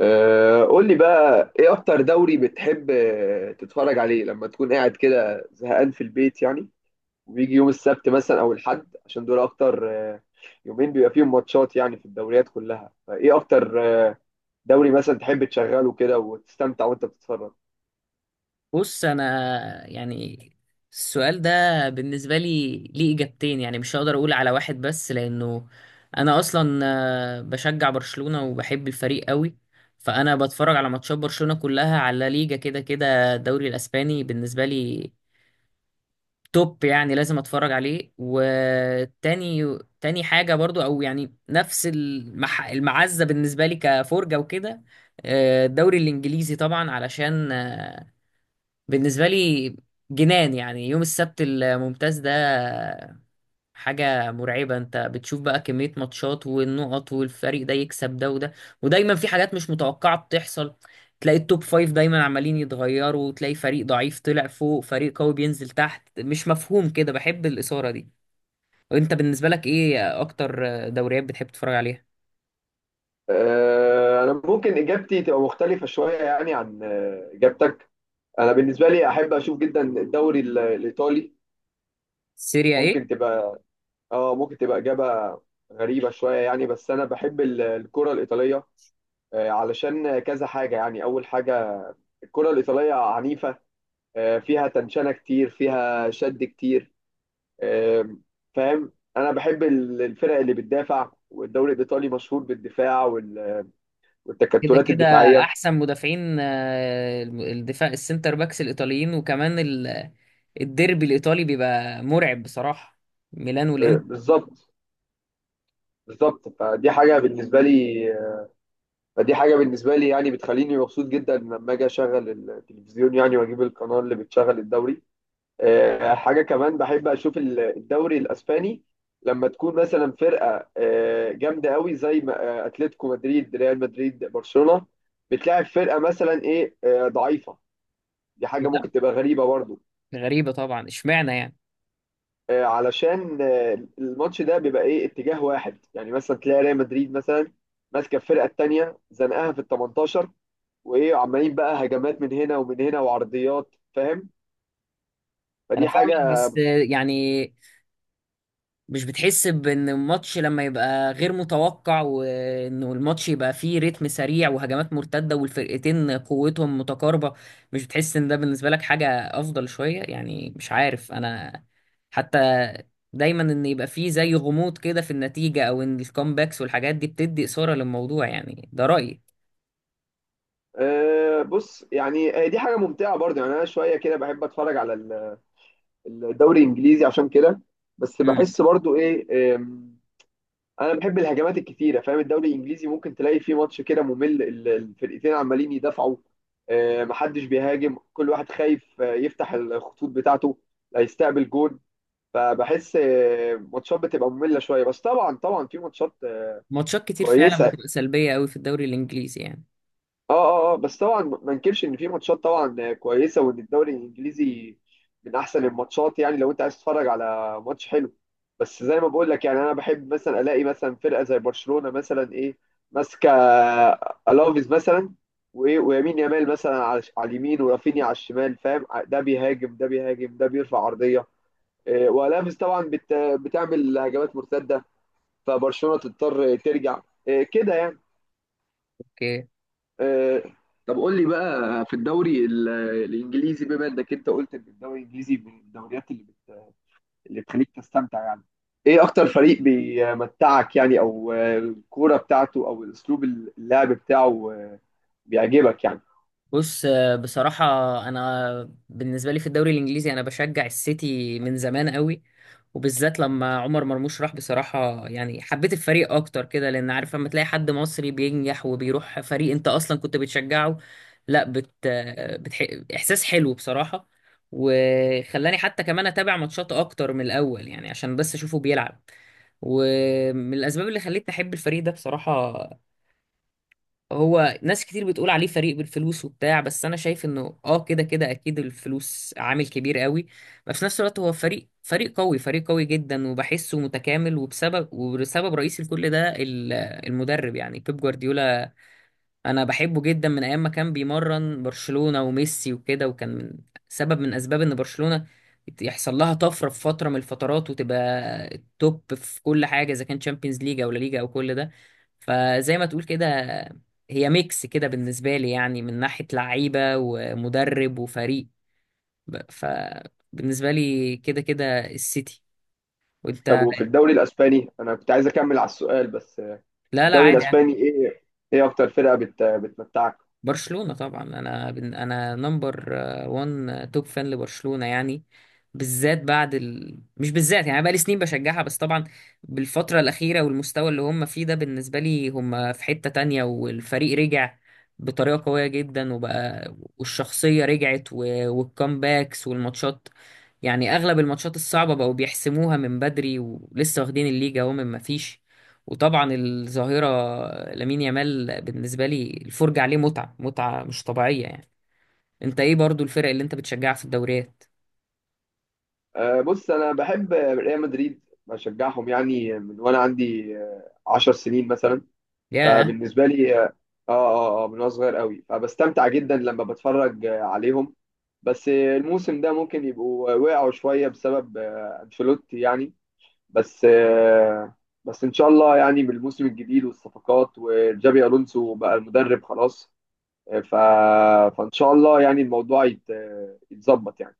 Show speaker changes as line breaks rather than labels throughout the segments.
قول لي بقى ايه اكتر دوري بتحب تتفرج عليه لما تكون قاعد كده زهقان في البيت يعني. وبيجي يوم السبت مثلا او الحد عشان دول اكتر يومين بيبقى فيهم ماتشات يعني في الدوريات كلها فايه اكتر آه، دوري مثلا تحب تشغله كده وتستمتع وانت بتتفرج.
بص، انا يعني السؤال ده بالنسبه لي ليه اجابتين، يعني مش هقدر اقول على واحد بس لانه انا اصلا بشجع برشلونه وبحب الفريق قوي. فانا بتفرج على ماتشات برشلونه كلها، على لا ليجا، كده كده الدوري الاسباني بالنسبه لي توب، يعني لازم اتفرج عليه. وتاني حاجه برضو، او يعني نفس المعزه بالنسبه لي كفرجه وكده، الدوري الانجليزي طبعا. علشان بالنسبة لي جنان، يعني يوم السبت الممتاز ده حاجة مرعبة. انت بتشوف بقى كمية ماتشات والنقط، والفريق ده يكسب ده وده، ودايما في حاجات مش متوقعة بتحصل. تلاقي التوب فايف دايما عمالين يتغيروا، وتلاقي فريق ضعيف طلع فوق، فريق قوي بينزل تحت، مش مفهوم كده، بحب الإثارة دي. وانت بالنسبة لك ايه اكتر دوريات بتحب تتفرج عليها؟
انا ممكن اجابتي تبقى مختلفة شوية يعني عن اجابتك. انا بالنسبة لي احب اشوف جدا الدوري الايطالي.
سيريا ايه.
ممكن تبقى، اه ممكن تبقى إجابة غريبة شوية يعني، بس أنا بحب الكرة الإيطالية. علشان كذا حاجة يعني. أول حاجة، الكرة الإيطالية عنيفة، فيها تنشنة كتير فيها شد كتير. آم، فاهم. أنا بحب الفرق اللي بتدافع والدوري الإيطالي مشهور بالدفاع
كده
والتكتلات
كده
الدفاعية.
احسن مدافعين، الدفاع السنتر باكس الايطاليين، وكمان الديربي الايطالي بيبقى مرعب بصراحه، ميلان والانتر.
بالظبط، بالظبط، فدي حاجة بالنسبة لي. فدي حاجة بالنسبة لي يعني بتخليني مبسوط جدا لما أجي أشغل التلفزيون يعني وأجيب القناة اللي بتشغل الدوري. حاجة كمان بحب أشوف الدوري الأسباني، لما تكون مثلا فرقة جامدة قوي زي أتلتيكو مدريد، ريال مدريد، برشلونة، بتلاعب فرقة مثلا إيه ضعيفة. دي حاجة
كده
ممكن تبقى غريبة برضو.
غريبه طبعا، اشمعنى يعني؟
علشان الماتش ده بيبقى إيه اتجاه واحد يعني، مثلا تلاقي ريال مدريد مثلا ماسكة الفرقة التانية زنقها في ال 18، وإيه عمالين بقى هجمات من هنا ومن هنا وعرضيات، فاهم،
انا
فدي
فاهمك،
حاجة.
بس يعني مش بتحس بان الماتش لما يبقى غير متوقع وانه الماتش يبقى فيه رتم سريع وهجمات مرتدة والفرقتين قوتهم متقاربة، مش بتحس ان ده بالنسبة لك حاجة افضل شوية؟ يعني مش عارف انا، حتى دايما ان يبقى فيه زي غموض كده في النتيجة، او ان الكومباكس والحاجات دي بتدي اثارة للموضوع، يعني ده رأيي.
أه بص يعني، دي حاجة ممتعة برضه يعني. أنا شوية كده بحب أتفرج على الدوري الإنجليزي عشان كده، بس
مم.
بحس برضه إيه أنا بحب الهجمات الكتيرة فاهم. الدوري الإنجليزي ممكن تلاقي فيه ماتش كده ممل، الفرقتين عمالين يدافعوا، أه محدش بيهاجم، كل واحد خايف يفتح الخطوط بتاعته لا يستقبل جون. فبحس ماتشات بتبقى مملة شوية، بس طبعا طبعا في ماتشات
ماتشات كتير فعلا
كويسة.
بتبقى سلبية قوي في الدوري الانجليزي يعني.
اه اه اه، بس طبعا ما انكرش ان في ماتشات طبعا كويسه وان الدوري الانجليزي من احسن الماتشات يعني لو انت عايز تتفرج على ماتش حلو. بس زي ما بقول لك يعني انا بحب مثلا الاقي مثلا فرقه زي برشلونه مثلا ايه ماسكه الافيز مثلا، وايه ويمين يامال مثلا على على اليمين ورافينيا على الشمال، فاهم، ده بيهاجم ده بيهاجم ده بيرفع عرضيه، إيه والافيز طبعا بتعمل هجمات مرتده، فبرشلونه تضطر ترجع، إيه كده يعني.
اوكي.
آه، طب قول لي بقى في الدوري الانجليزي، بما انك انت قلت ان الدوري الانجليزي من الدوريات اللي بتخليك تستمتع يعني، ايه اكتر فريق بيمتعك يعني؟ او الكوره بتاعته او اسلوب اللعب بتاعه بيعجبك يعني؟
بص، بصراحة أنا بالنسبة لي في الدوري الإنجليزي أنا بشجع السيتي من زمان قوي. وبالذات لما عمر مرموش راح، بصراحة يعني حبيت الفريق أكتر كده، لأن عارف لما تلاقي حد مصري بينجح وبيروح فريق أنت أصلا كنت بتشجعه، لا بت... آه، بتح... إحساس حلو بصراحة. وخلاني حتى كمان أتابع ماتشات أكتر من الأول، يعني عشان بس أشوفه بيلعب. ومن الأسباب اللي خلتني أحب الفريق ده بصراحة، هو ناس كتير بتقول عليه فريق بالفلوس وبتاع، بس انا شايف انه اه كده كده اكيد الفلوس عامل كبير قوي، بس في نفس الوقت هو فريق قوي، فريق قوي جدا، وبحسه متكامل. وبسبب رئيسي لكل ده المدرب يعني، بيب جوارديولا. انا بحبه جدا من ايام ما كان بيمرن برشلونة وميسي وكده، وكان من سبب من اسباب ان برشلونة يحصل لها طفرة في فترة من الفترات، وتبقى التوب في كل حاجة، اذا كان تشامبيونز ليج او لا ليجا او كل ده. فزي ما تقول كده، هي ميكس كده بالنسبة لي، يعني من ناحية لعيبة ومدرب وفريق. فبالنسبة لي كده كده السيتي.
طب
وانت؟
وفي الدوري الاسباني، انا كنت عايز اكمل على السؤال بس
لا لا
الدوري
عادي.
الاسباني ايه؟ ايه اكتر فرقه بتمتعك؟
برشلونة طبعا، انا انا نمبر 1 توب فان لبرشلونة يعني. بالذات بعد مش بالذات يعني، بقى لي سنين بشجعها، بس طبعا بالفترة الأخيرة والمستوى اللي هم فيه ده، بالنسبة لي هم في حتة تانية. والفريق رجع بطريقة قوية جدا، وبقى والشخصية رجعت والكامباكس والماتشات، يعني اغلب الماتشات الصعبه بقوا بيحسموها من بدري، ولسه واخدين الليجا اهو من ما فيش. وطبعا الظاهره لامين يامال بالنسبه لي الفرجه عليه متعه مش طبيعيه يعني. انت ايه برضو الفرق اللي انت بتشجعها في الدوريات؟
بص انا بحب ريال مدريد، بشجعهم يعني من وانا عندي 10 سنين مثلا.
ياه.
فبالنسبه لي اه اه اه من وانا صغير قوي، فبستمتع جدا لما بتفرج عليهم. بس الموسم ده ممكن يبقوا وقعوا شويه بسبب انشيلوتي يعني. بس آه، بس ان شاء الله يعني بالموسم الجديد والصفقات وجابي الونسو بقى المدرب خلاص. آه، ف... فان شاء الله يعني الموضوع يتظبط يعني.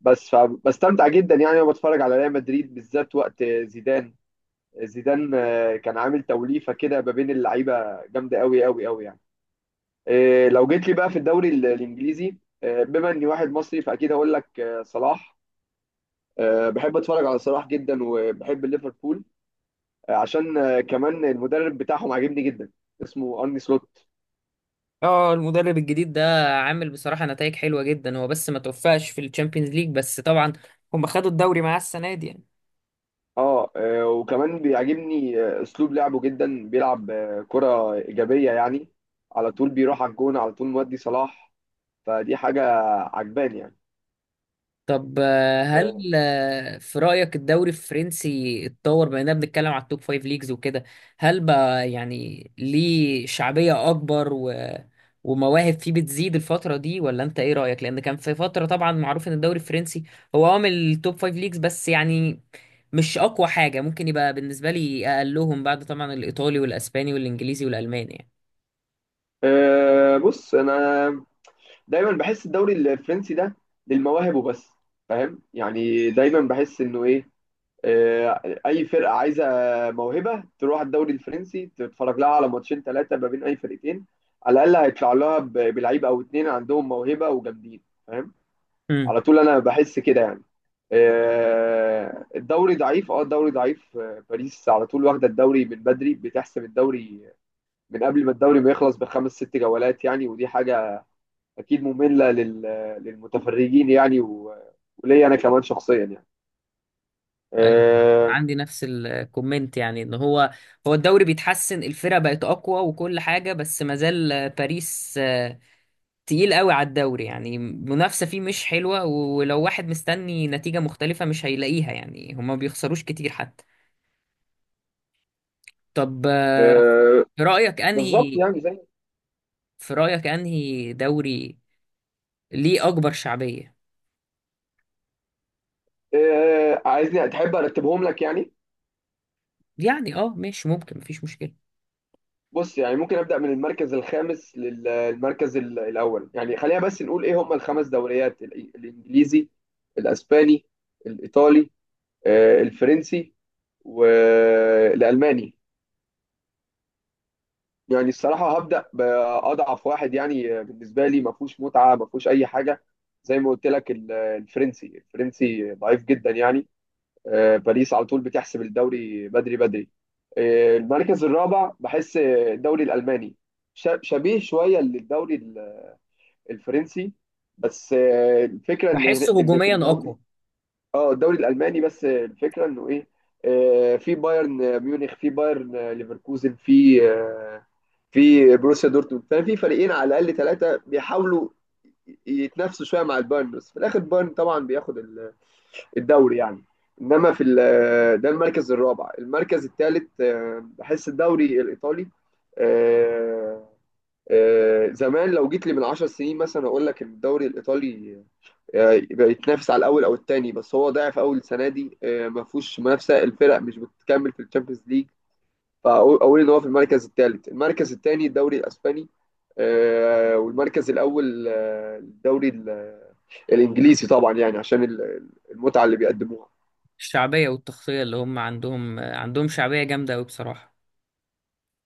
بس فبستمتع جدا يعني وانا بتفرج على ريال مدريد بالذات وقت زيدان. زيدان كان عامل توليفه كده ما بين اللعيبه جامده قوي قوي قوي يعني. لو جيت لي بقى في الدوري الانجليزي، بما اني واحد مصري فاكيد هقول لك صلاح. بحب اتفرج على صلاح جدا وبحب ليفربول، عشان كمان المدرب بتاعهم عاجبني جدا، اسمه ارني سلوت.
اه، المدرب الجديد ده عامل بصراحه نتائج حلوه جدا، هو بس ما توفقش في الشامبيونز ليج، بس طبعا هم خدوا الدوري معاه السنه دي يعني.
اه وكمان بيعجبني اسلوب لعبه جدا، بيلعب كرة ايجابية يعني، على طول بيروح على الجون، على طول مودي صلاح، فدي حاجة عجباني يعني.
طب
آه،
هل في رأيك الدوري الفرنسي اتطور، بما اننا بنتكلم على التوب فايف ليجز وكده؟ هل بقى يعني ليه شعبية اكبر ومواهب فيه بتزيد الفترة دي، ولا انت ايه رأيك؟ لان كان في فترة طبعا معروف ان الدوري الفرنسي هو عامل التوب فايف ليجز بس، يعني مش اقوى حاجة، ممكن يبقى بالنسبة لي اقلهم، بعد طبعا الايطالي والاسباني والانجليزي والالماني
أه بص انا دايما بحس الدوري الفرنسي ده للمواهب وبس، فاهم يعني. دايما بحس انه ايه، أه اي فرقه عايزه موهبه تروح الدوري الفرنسي، تتفرج لها على ماتشين ثلاثه ما بين اي فرقتين على الاقل هيطلع لها بلعيب او اتنين عندهم موهبه وجامدين، فاهم،
يعني.
على طول انا بحس كده يعني. أه الدوري ضعيف، اه الدوري ضعيف، باريس على طول واخده الدوري من بدري، بتحسم الدوري من قبل ما الدوري ما يخلص بخمس ست جولات يعني، ودي حاجه اكيد ممله للمتفرجين يعني، وليا انا كمان شخصيا يعني.
ايوه،
آه
عندي نفس الكومنت، يعني ان هو الدوري بيتحسن، الفرق بقت اقوى وكل حاجه، بس ما زال باريس تقيل قوي على الدوري. يعني المنافسه فيه مش حلوه، ولو واحد مستني نتيجه مختلفه مش هيلاقيها، يعني هما ما بيخسروش كتير حتى. طب
آه
في رايك
بالظبط
انهي
يعني زي.
في رايك انهي دوري ليه اكبر شعبيه
عايزني تحب ارتبهم لك يعني؟
يعني؟ اه ماشي، ممكن، مفيش مشكله.
بص يعني ممكن ابدا من المركز الخامس للمركز الاول يعني. خلينا بس نقول ايه هم الخمس دوريات، الانجليزي، الاسباني، الايطالي، الفرنسي، والالماني. يعني الصراحة هبدأ بأضعف واحد يعني، بالنسبة لي ما فيهوش متعة ما فيهوش أي حاجة، زي ما قلت لك الفرنسي. الفرنسي ضعيف جدا يعني، باريس على طول بتحسب الدوري بدري بدري. المركز الرابع بحس الدوري الألماني شبيه شوية للدوري الفرنسي، بس الفكرة إن
بحسه
إن في
هجوميا
الدوري،
اقوى.
اه الدوري الالماني، بس الفكره انه ايه، في بايرن ميونخ، في بايرن ليفركوزن، في في بروسيا دورتموند، ففي فريقين على الاقل ثلاثه بيحاولوا يتنافسوا شويه مع البايرن، بس في الاخر بايرن طبعا بياخد الدوري يعني. انما في ده المركز الرابع. المركز الثالث بحس الدوري الايطالي، آه، زمان لو جيت لي من 10 سنين مثلا اقول لك ان الدوري الايطالي يبقى يتنافس على الاول او الثاني، بس هو ضعف اول السنه دي، ما فيهوش منافسه، الفرق مش بتكمل في الشامبيونز ليج، فاقول أقول ان هو في المركز الثالث. المركز الثاني الدوري الاسباني، والمركز الاول الدوري الانجليزي طبعا يعني عشان المتعه اللي بيقدموها.
الشعبيه والتغطيه اللي هم عندهم، عندهم شعبيه جامده قوي بصراحه.